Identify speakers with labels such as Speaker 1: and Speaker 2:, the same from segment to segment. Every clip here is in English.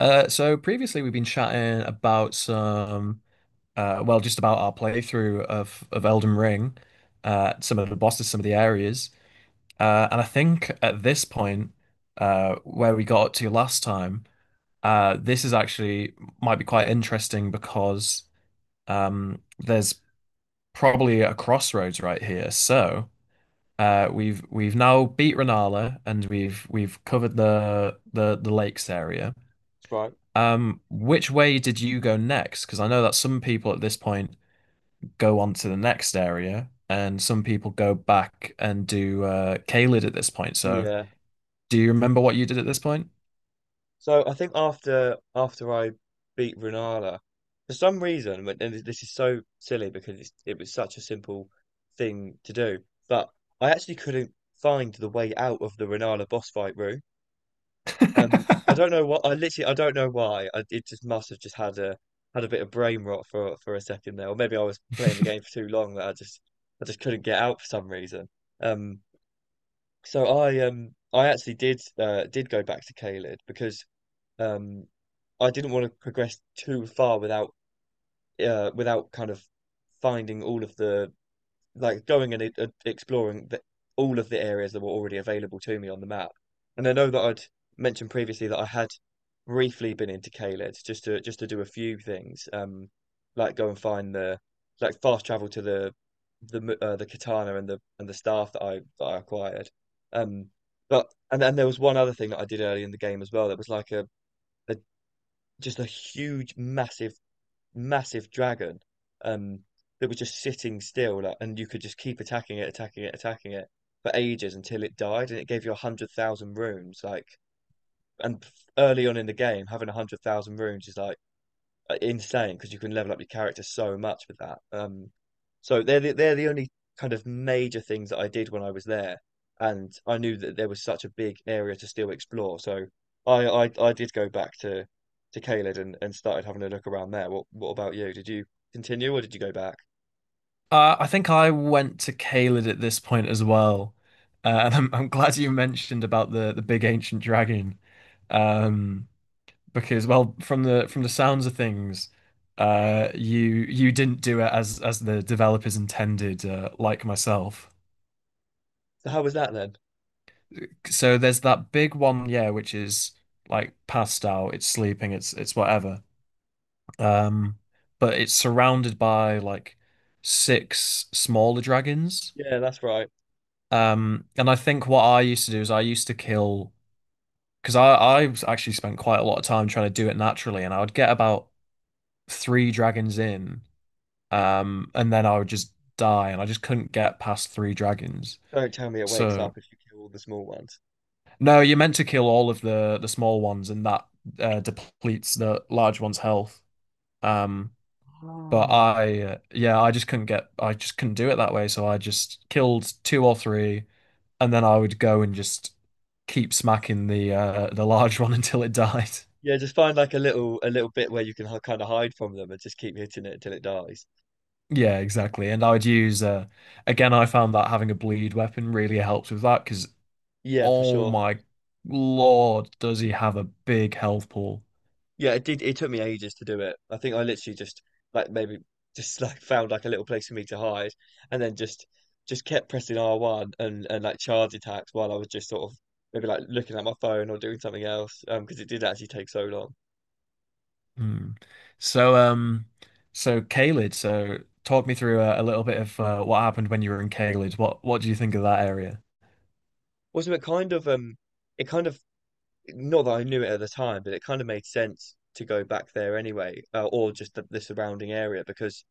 Speaker 1: So previously we've been chatting about some, just about our playthrough of Elden Ring, some of the bosses, some of the areas, and I think at this point, where we got up to last time, this is actually might be quite interesting because there's probably a crossroads right here. So we've now beat Rennala, and we've covered the the lakes area.
Speaker 2: Right.
Speaker 1: Which way did you go next? Because I know that some people at this point go on to the next area, and some people go back and do Caelid at this point. So,
Speaker 2: Yeah.
Speaker 1: do you remember what you did at this point?
Speaker 2: So I think after I beat Renala, for some reason, and this is so silly because it was such a simple thing to do, but I actually couldn't find the way out of the Renala boss fight room. I don't know what I literally I don't know why. It just must have just had a had a bit of brain rot for a second there, or maybe I was playing the game for too long that I just couldn't get out for some reason. Um, so I actually did go back to Caelid because Um, I didn't want to progress too far without without kind of finding all of the like going and exploring all of the areas that were already available to me on the map. And I know that I'd mentioned previously that I had briefly been into Caelid just to do a few things, like go and find the like fast travel to the katana and the staff that I acquired. Um, but and then there was one other thing that I did early in the game as well. That was like a just a huge, massive dragon um, that was just sitting still, like, and you could just keep attacking it, attacking it for ages until it died, and it gave you a hundred thousand runes. Like, and early on in the game, having a hundred thousand runes is like insane because you can level up your character so much with that. So they're the only kind of major things that I did when I was there, and I knew that there was such a big area to still explore. So I did go back to Caelid and started having a look around there. What about you? Did you continue or did you go back?
Speaker 1: I think I went to Caelid at this point as well, and I'm glad you mentioned about the big ancient dragon. Um, because well, from the sounds of things, you didn't do it as the developers intended, like myself.
Speaker 2: So how was that then?
Speaker 1: So there's that big one, yeah, which is like passed out, it's sleeping, it's whatever, um but it's surrounded by like six smaller dragons.
Speaker 2: Yeah, that's right.
Speaker 1: And I think what I used to do is I used to kill, because I actually spent quite a lot of time trying to do it naturally, and I would get about three dragons in. And then I would just die, and I just couldn't get past three dragons.
Speaker 2: Don't tell me it wakes
Speaker 1: So
Speaker 2: up if you kill all the small ones.
Speaker 1: no, you're meant to kill all of the small ones, and that depletes the large one's health. Um, but
Speaker 2: Oh.
Speaker 1: yeah, I just couldn't get, I just couldn't do it that way. So I just killed two or three, and then I would go and just keep smacking the large one until it died.
Speaker 2: Yeah, just find like a little bit where you can kind of hide from them and just keep hitting it until it dies.
Speaker 1: Yeah, exactly. And I would use, again, I found that having a bleed weapon really helps with that because,
Speaker 2: Yeah, for
Speaker 1: oh
Speaker 2: sure.
Speaker 1: my Lord, does he have a big health pool?
Speaker 2: Yeah, it did. It took me ages to do it. I think I literally just like maybe just like found like a little place for me to hide, and then just kept pressing R one and like charge attacks while I was just sort of maybe like looking at my phone or doing something else. Because it did actually take so long.
Speaker 1: Hmm. So, so Caelid, so talk me through a little bit of what happened when you were in Caelid. What do you think of that area?
Speaker 2: Wasn't it kind of not that I knew it at the time, but it kind of made sense to go back there anyway, or just the surrounding area because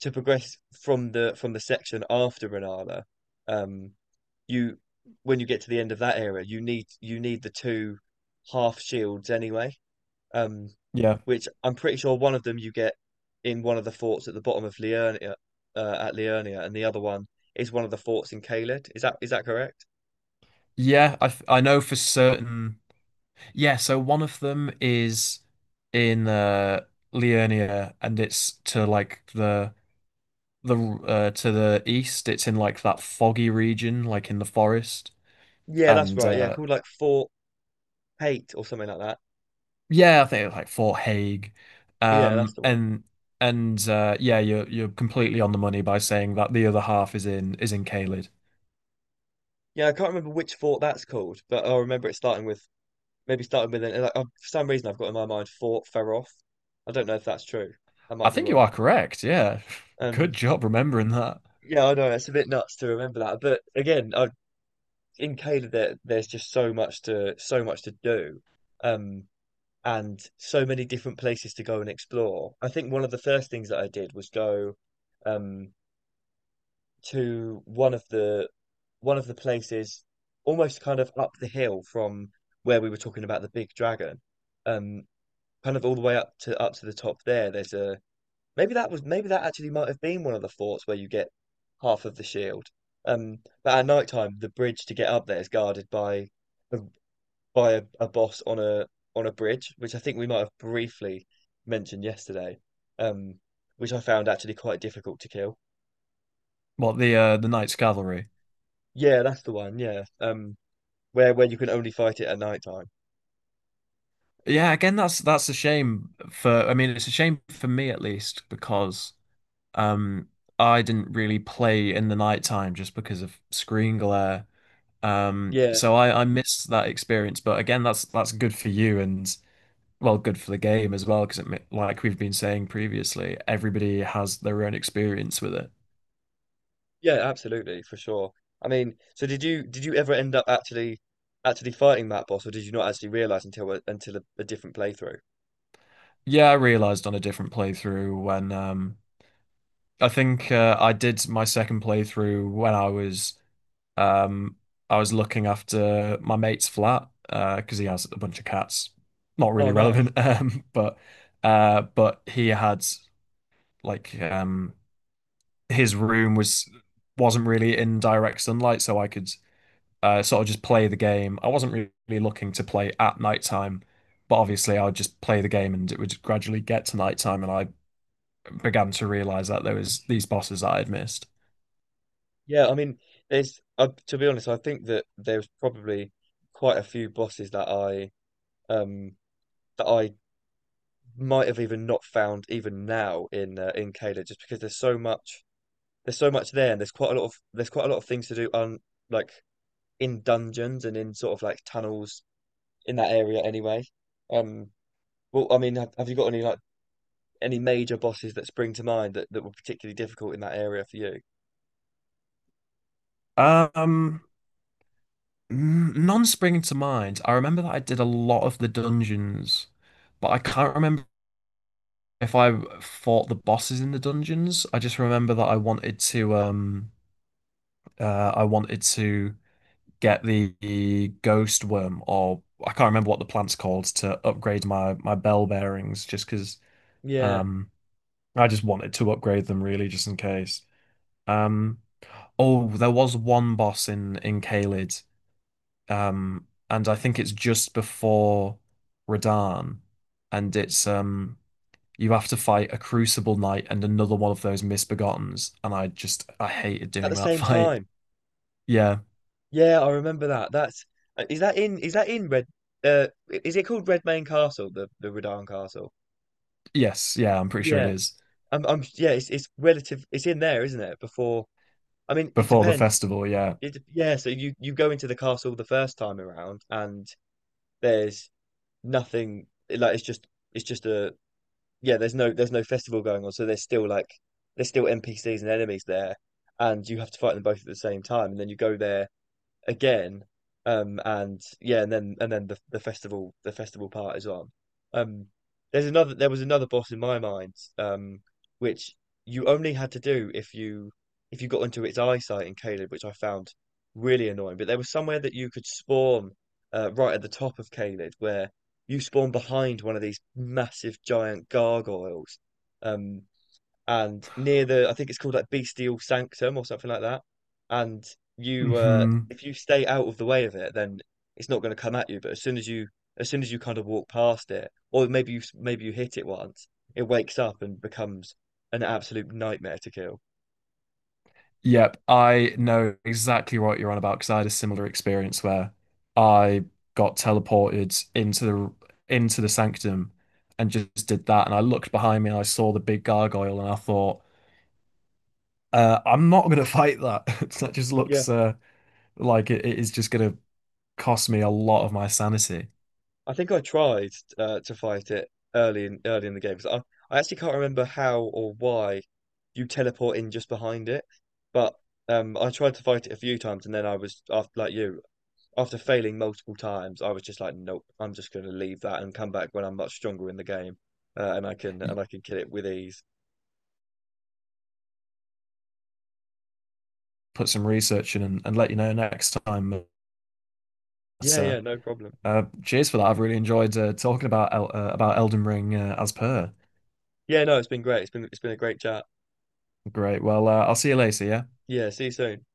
Speaker 2: to progress from the section after Renala, um, you when you get to the end of that area, you need the two half shields anyway. Um,
Speaker 1: Yeah.
Speaker 2: which I'm pretty sure one of them you get in one of the forts at the bottom of Liurnia, at Liurnia, and the other one is one of the forts in Caelid. Is that correct?
Speaker 1: Yeah, I know for certain. Yeah, so one of them is in Liurnia, and it's to like the to the east. It's in like that foggy region, like in the forest,
Speaker 2: Yeah, that's
Speaker 1: and
Speaker 2: right. Yeah, called like Fort Hate or something like that.
Speaker 1: yeah, I think it was like Fort Hague.
Speaker 2: Yeah, that's
Speaker 1: Um,
Speaker 2: the one.
Speaker 1: and and Yeah, you're completely on the money by saying that the other half is in Caelid.
Speaker 2: Yeah, I can't remember which fort that's called, but I remember it starting with maybe starting with an, like for some reason I've got in my mind Fort Ferroth. I don't know if that's true. I
Speaker 1: I
Speaker 2: might be
Speaker 1: think you
Speaker 2: wrong.
Speaker 1: are correct. Yeah,
Speaker 2: Um,
Speaker 1: good job remembering that.
Speaker 2: yeah, I know it's a bit nuts to remember that, but in Caleb there's just so much to do, um, and so many different places to go and explore. I think one of the first things that I did was go, um, to one of the places almost kind of up the hill from where we were talking about the big dragon. Um, Kind of all the way up to up to the top there. There's a maybe that was maybe that actually might have been one of the forts where you get half of the shield. Um, but at night time, the bridge to get up there is guarded by a- by a boss on a bridge, which I think we might have briefly mentioned yesterday. Um, which I found actually quite difficult to kill.
Speaker 1: What, the Knights Cavalry.
Speaker 2: Yeah, that's the one. Yeah. Where you can only fight it at night time.
Speaker 1: Yeah, again, that's a shame for. I mean, it's a shame for me at least because, um, I didn't really play in the night time just because of screen glare.
Speaker 2: Yeah.
Speaker 1: So I missed that experience. But again, that's good for you, and well, good for the game as well, because like we've been saying previously, everybody has their own experience with it.
Speaker 2: Yeah, absolutely, for sure. I mean, so did you ever end up actually fighting that boss, or did you not actually realize until a different playthrough?
Speaker 1: Yeah, I realized on a different playthrough when I did my second playthrough when um I was looking after my mate's flat because he has a bunch of cats. Not really
Speaker 2: Oh, nice.
Speaker 1: relevant, but he had like um his room wasn't really in direct sunlight, so I could sort of just play the game. I wasn't really looking to play at nighttime, but obviously I would just play the game and it would gradually get to nighttime, and I began to realize that there was these bosses that I had missed.
Speaker 2: Yeah, I mean, there's to be honest, I think that there's probably quite a few bosses um that I might have even not found even now in Kayla, just because there's so much there, and there's quite a lot of there's quite a lot of things to do on like in dungeons and in sort of like tunnels in that area anyway. Um, Well, I mean, have you got any like any major bosses that spring to mind that were particularly difficult in that area for you?
Speaker 1: Um, None springing to mind. I remember that I did a lot of the dungeons, but I can't remember if I fought the bosses in the dungeons. I just remember that I wanted to get the ghost worm, or I can't remember what the plant's called, to upgrade my bell bearings, just because,
Speaker 2: Yeah.
Speaker 1: um, I just wanted to upgrade them really, just in case. Um, oh, there was one boss in Caelid, and I think it's just before Radahn, and it's. You have to fight a Crucible Knight and another one of those Misbegottens, and I just I hated
Speaker 2: At
Speaker 1: doing
Speaker 2: the
Speaker 1: that
Speaker 2: same
Speaker 1: fight.
Speaker 2: time,
Speaker 1: Yeah,
Speaker 2: yeah, I remember that. That's is that in Red? Uh, is it called Redmayne Castle, the Redan Castle?
Speaker 1: yes, yeah, I'm pretty sure it
Speaker 2: Yeah.
Speaker 1: is
Speaker 2: I'm yeah, it's relative. It's in there, isn't it? Before, I mean, it
Speaker 1: before the
Speaker 2: depends.
Speaker 1: festival. Yeah,
Speaker 2: Yeah. So you go into the castle the first time around, and there's nothing. Like it's just a yeah, there's no festival going on, so there's still like there's still NPCs and enemies there, and you have to fight them both at the same time, and then you go there again. And yeah, and then the festival the festival part is on. Um, there's another there was another boss in my mind, which you only had to do if you got into its eyesight in Caleb, which I found really annoying. But there was somewhere that you could spawn right at the top of Caleb, where you spawn behind one of these massive giant gargoyles. Um, and near I think it's called like Bestial Sanctum or something like that. And
Speaker 1: hmm.
Speaker 2: if you stay out of the way of it, then it's not going to come at you. But as soon as you kind of walk past it, or maybe maybe you hit it once, it wakes up and becomes an absolute nightmare to kill.
Speaker 1: Yep, I know exactly what you're on about, because I had a similar experience where I got teleported into the sanctum and just did that. And I looked behind me and I saw the big gargoyle and I thought, I'm not gonna fight that. That just
Speaker 2: Yeah,
Speaker 1: looks like it is just gonna cost me a lot of my sanity.
Speaker 2: I think I tried to fight it early in the game 'cause I actually can't remember how or why you teleport in just behind it, but I tried to fight it a few times and then I was after like you after failing multiple times, I was just like, nope, I'm just going to leave that and come back when I'm much stronger in the game, and
Speaker 1: Y-
Speaker 2: I can kill it with ease.
Speaker 1: Put some research in and let you know next time. But,
Speaker 2: Yeah, yeah, no problem.
Speaker 1: cheers for that. I've really enjoyed talking about El about Elden Ring, as per.
Speaker 2: Yeah, no, it's been great. It's been a great chat.
Speaker 1: Great. Well, I'll see you later. Yeah.
Speaker 2: Yeah, see you soon.